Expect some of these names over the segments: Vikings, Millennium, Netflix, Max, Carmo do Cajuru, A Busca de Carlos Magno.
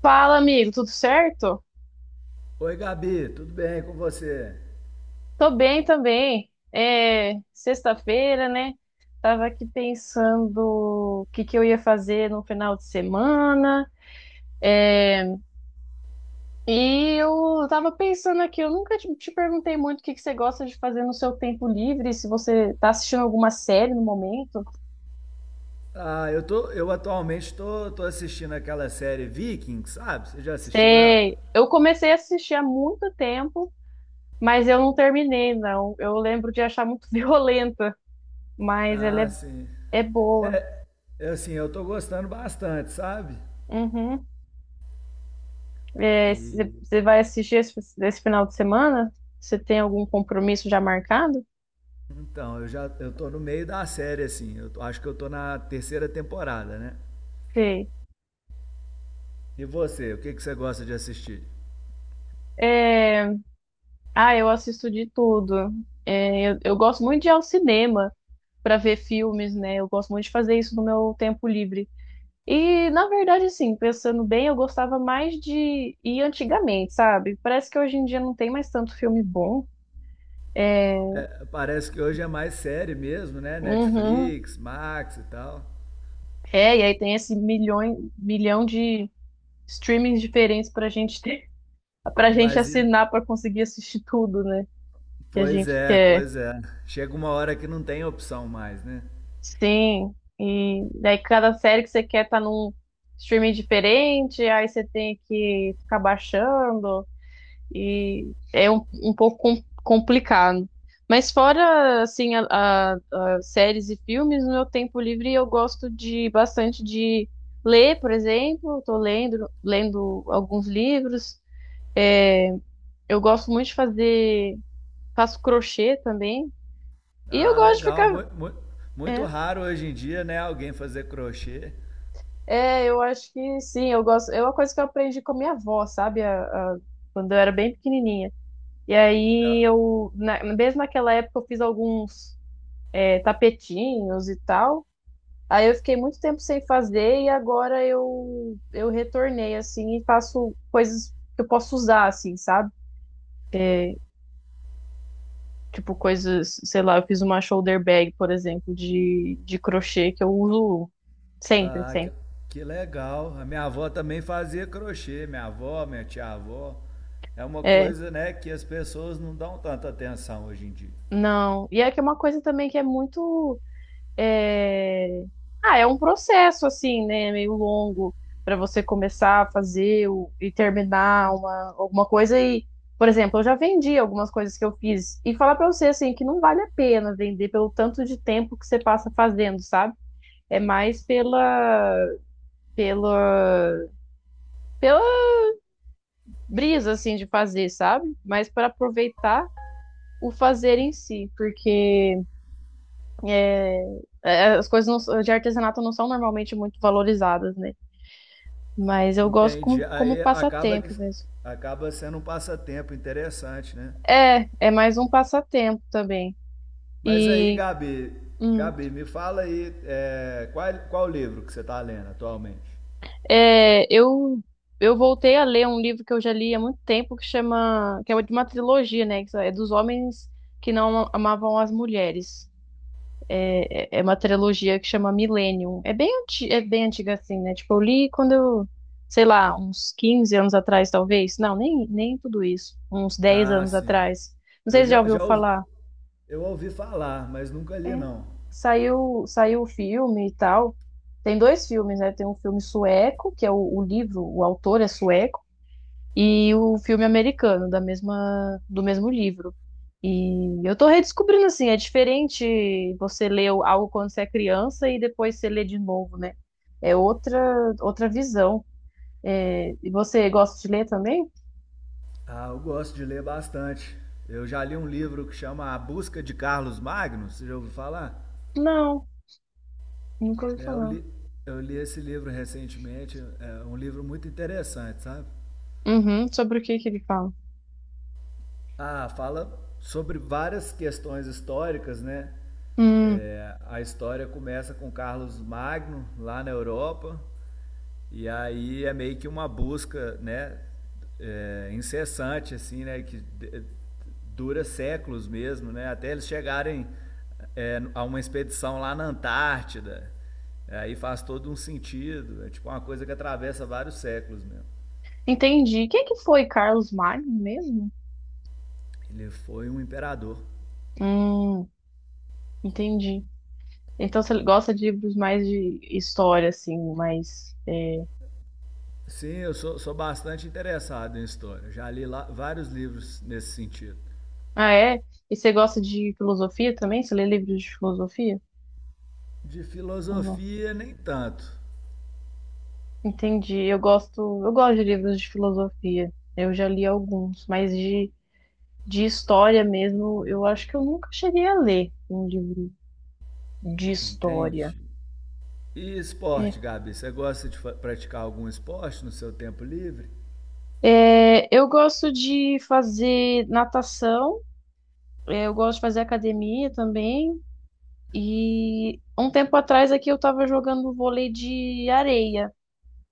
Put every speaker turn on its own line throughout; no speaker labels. Fala, amigo, tudo certo?
Oi, Gabi, tudo bem com você?
Tô bem também. É sexta-feira, né? Tava aqui pensando o que que eu ia fazer no final de semana. É, e eu tava pensando aqui, eu nunca te perguntei muito o que que você gosta de fazer no seu tempo livre, se você tá assistindo alguma série no momento.
Ah, eu atualmente tô assistindo aquela série Vikings, sabe? Você já assistiu ela?
Sei, eu comecei a assistir há muito tempo, mas eu não terminei, não. Eu lembro de achar muito violenta, mas ela
Ah, sim.
é boa.
É, é assim, eu tô gostando bastante, sabe?
Uhum. É, você
E
você vai assistir esse final de semana? Você tem algum compromisso já marcado?
então, eu tô no meio da série assim. Acho que eu tô na terceira temporada, né?
Sei.
E você, o que que você gosta de assistir?
É, ah, eu assisto de tudo. Eu gosto muito de ir ao cinema para ver filmes, né? Eu gosto muito de fazer isso no meu tempo livre. E, na verdade, assim, pensando bem, eu gostava mais de ir antigamente, sabe? Parece que hoje em dia não tem mais tanto filme bom. É,
É, parece que hoje é mais série mesmo, né?
uhum.
Netflix, Max e tal.
É, e aí tem esse milhão de streamings diferentes pra gente ter, pra gente
Mas e-
assinar pra conseguir assistir tudo, né? Que a
Pois
gente
é,
quer.
pois é. Chega uma hora que não tem opção mais, né?
Sim. E daí cada série que você quer tá num streaming diferente, aí você tem que ficar baixando e é um pouco complicado. Mas fora assim a séries e filmes, no meu tempo livre eu gosto de bastante de ler, por exemplo, estou lendo alguns livros. É, eu gosto muito de fazer faço crochê também. E eu
Ah,
gosto de
legal.
ficar.
Muito, muito, muito
É,
raro hoje em dia, né? Alguém fazer crochê.
é, eu acho que sim, eu gosto. É uma coisa que eu aprendi com a minha avó, sabe? A- Quando eu era bem pequenininha. E
É.
aí mesmo naquela época, eu fiz alguns tapetinhos e tal. Aí eu fiquei muito tempo sem fazer e agora eu retornei, assim, e faço coisas que eu posso usar, assim, sabe? É, tipo coisas, sei lá, eu fiz uma shoulder bag, por exemplo, de crochê que eu uso sempre,
Ah, que,
sempre.
que legal. A minha avó também fazia crochê. Minha avó, minha tia-avó. É uma
É,
coisa, né, que as pessoas não dão tanta atenção hoje em dia.
não. E é que é uma coisa também que é muito. É, ah, é um processo, assim, né? É meio longo para você começar a e terminar alguma coisa. E, por exemplo, eu já vendi algumas coisas que eu fiz. E falar para você, assim, que não vale a pena vender pelo tanto de tempo que você passa fazendo, sabe? É mais pela, pela brisa, assim, de fazer, sabe? Mas para aproveitar o fazer em si, porque. É, as coisas de artesanato não são normalmente muito valorizadas, né? Mas eu gosto
Entendi.
como, como
Aí acaba que
passatempo mesmo.
acaba sendo um passatempo interessante, né?
É, é mais um passatempo também.
Mas aí,
E
Gabi,
hum,
Gabi, me fala aí qual livro que você está lendo atualmente?
é, eu eu voltei a ler um livro que eu já li há muito tempo que é de uma trilogia, né? Que é dos homens que não amavam as mulheres. É uma trilogia que chama Millennium. É bem antiga assim, né? Tipo, eu li quando eu, sei lá, uns 15 anos atrás, talvez. Não, nem tudo isso. Uns dez
Ah,
anos
sim.
atrás. Não
Eu
sei se já
já,
ouviu
já ouvi,
falar.
eu ouvi falar, mas nunca li
É.
não.
Saiu o filme e tal. Tem dois filmes, né? Tem um filme sueco, que é o livro, o autor é sueco e o filme americano da mesma do mesmo livro. E eu tô redescobrindo assim, é diferente você ler algo quando você é criança e depois você lê de novo, né? É outra visão. É, e você gosta de ler também?
Ah, eu gosto de ler bastante. Eu já li um livro que chama A Busca de Carlos Magno, você já ouviu falar?
Não, nunca ouvi
É, eu,
falar.
li, eu li esse livro recentemente, é um livro muito interessante, sabe?
Uhum, sobre o que que ele fala?
Ah, fala sobre várias questões históricas, né?
Hum,
É, a história começa com Carlos Magno lá na Europa e aí é meio que uma busca, né, incessante assim, né, que dura séculos mesmo, né, até eles chegarem a uma expedição lá na Antártida. Aí faz todo um sentido, é tipo uma coisa que atravessa vários séculos mesmo.
entendi. Quem é que foi Carlos Magno mesmo?
Ele foi um imperador.
Hum, entendi. Então você gosta de livros mais de história, assim, mais é.
Sim, eu sou bastante interessado em história. Já li lá vários livros nesse sentido.
Ah, é? E você gosta de filosofia também? Você lê livros de filosofia
De
ou não?
filosofia, nem tanto,
Entendi. Eu gosto de livros de filosofia. Eu já li alguns, mas de história mesmo, eu acho que eu nunca cheguei a ler um livro de história.
entende? E
É.
esporte, Gabi? Você gosta de praticar algum esporte no seu tempo livre?
É, eu gosto de fazer natação, é, eu gosto de fazer academia também. E um tempo atrás aqui eu estava jogando vôlei de areia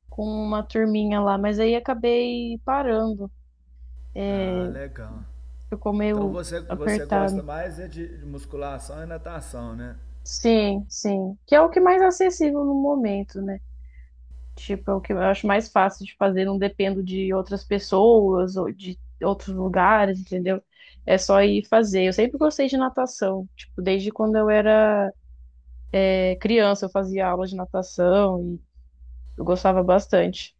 com uma turminha lá, mas aí acabei parando.
Ah,
É,
legal.
ficou
Então
meio
você
apertado.
gosta mais é de musculação e natação, né?
Sim, sim. Que é o que é mais acessível no momento, né? Tipo, é o que eu acho mais fácil de fazer, não dependo de outras pessoas ou de outros lugares, entendeu? É só ir fazer. Eu sempre gostei de natação, tipo, desde quando eu era é, criança, eu fazia aula de natação e eu gostava bastante.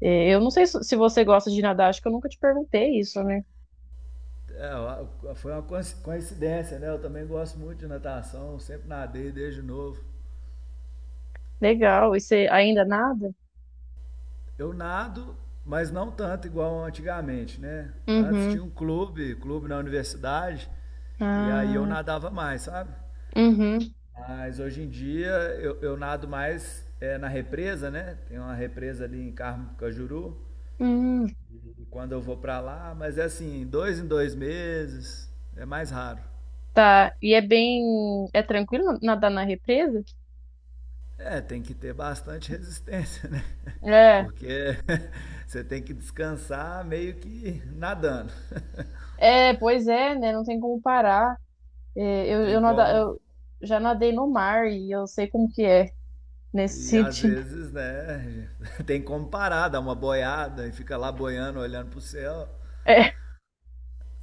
É, eu não sei se você gosta de nadar, acho que eu nunca te perguntei isso, né?
É, ó, foi uma coincidência, né? Eu também gosto muito de natação, sempre nadei desde novo.
Legal. E você ainda nada?
Eu nado, mas não tanto igual antigamente, né? Antes
Uhum.
tinha um clube, clube na universidade, e aí eu
Ah,
nadava mais, sabe?
uhum.
Mas hoje em dia eu nado mais na represa, né? Tem uma represa ali em Carmo do Cajuru,
Hum.
e quando eu vou pra lá, mas é assim, dois em dois meses, é mais raro.
Tá, e é bem. É tranquilo nadar na represa?
É, tem que ter bastante resistência, né?
É,
Porque você tem que descansar meio que nadando.
é, pois é, né? Não tem como parar. É,
Você
eu,
tem
eu, nada,
como
eu já nadei no mar e eu sei como que é nesse
E às
sentido.
vezes, né, tem como parar, dar uma boiada e fica lá boiando, olhando pro céu.
É,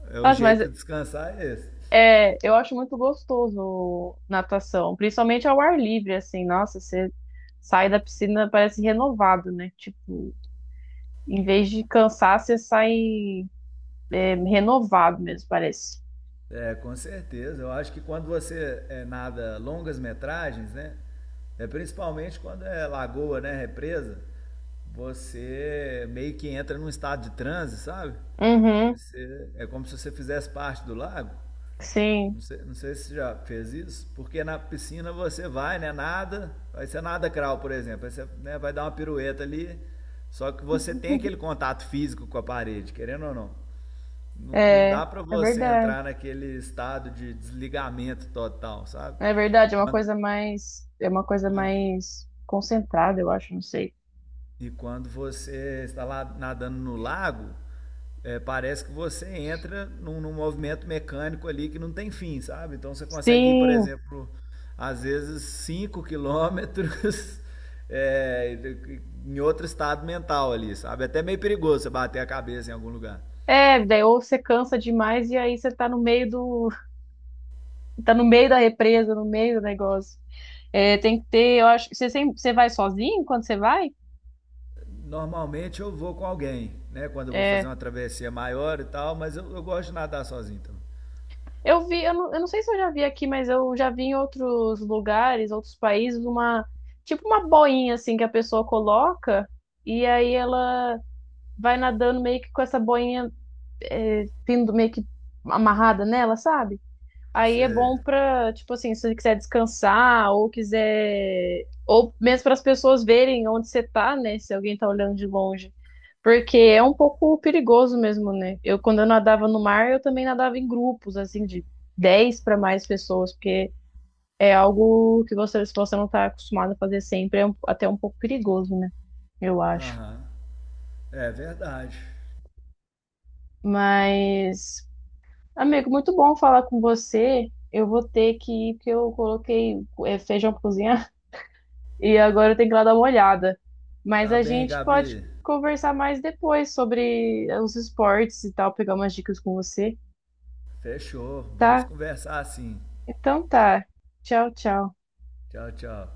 É o
nossa, mas
jeito de descansar é esse.
é, eu acho muito gostoso natação, principalmente ao ar livre, assim. Nossa, você sai da piscina, parece renovado, né? Tipo, em vez de cansar, você sai, é, renovado mesmo, parece.
É, com certeza. Eu acho que quando você nada longas metragens, né, é principalmente quando é lagoa, né, represa, você meio que entra num estado de transe, sabe? Que
Uhum,
você, é como se você fizesse parte do lago.
sim.
Não sei, não sei se você já fez isso, porque na piscina você vai, né? Nada, vai ser nada crawl, por exemplo. Aí você né, vai dar uma pirueta ali, só que você tem aquele contato físico com a parede, querendo ou não. Não, não dá
É,
para
é
você
verdade.
entrar naquele estado de desligamento total, sabe?
É verdade, é uma
Quando,
é uma coisa
quando
mais concentrada, eu acho, não sei.
E quando você está lá nadando no lago, parece que você entra num movimento mecânico ali que não tem fim, sabe? Então você consegue ir, por
Sim.
exemplo, às vezes 5 km é, em outro estado mental ali, sabe? É até meio perigoso você bater a cabeça em algum lugar.
É, daí ou você cansa demais e aí você tá no meio do, tá no meio da represa, no meio do negócio. É, tem que ter, eu acho, você sempre, você vai sozinho quando você vai?
Normalmente eu vou com alguém, né? Quando eu vou fazer
É,
uma travessia maior e tal, mas eu gosto de nadar sozinho então.
eu não sei se eu já vi aqui, mas eu já vi em outros lugares, outros países, uma, tipo uma boinha assim que a pessoa coloca e aí ela vai nadando meio que com essa boinha é, pendo meio que amarrada nela, sabe? Aí é
Você...
bom pra, tipo assim, se você quiser descansar ou quiser. Ou mesmo para as pessoas verem onde você tá, né? Se alguém tá olhando de longe. Porque é um pouco perigoso mesmo, né? Quando eu nadava no mar, eu também nadava em grupos, assim, de 10 para mais pessoas, porque é algo que você, se você não tá acostumado a fazer sempre, é até um pouco perigoso, né? Eu acho.
Aham. É verdade.
Mas amigo, muito bom falar com você. Eu vou ter que ir, porque eu coloquei é, feijão pra cozinhar e agora eu tenho que ir lá dar uma olhada. Mas
Tá
a
bem,
gente pode
Gabi?
conversar mais depois sobre os esportes e tal, pegar umas dicas com você,
Fechou. Vamos
tá?
conversar assim.
Então tá. Tchau, tchau.
Tchau, tchau.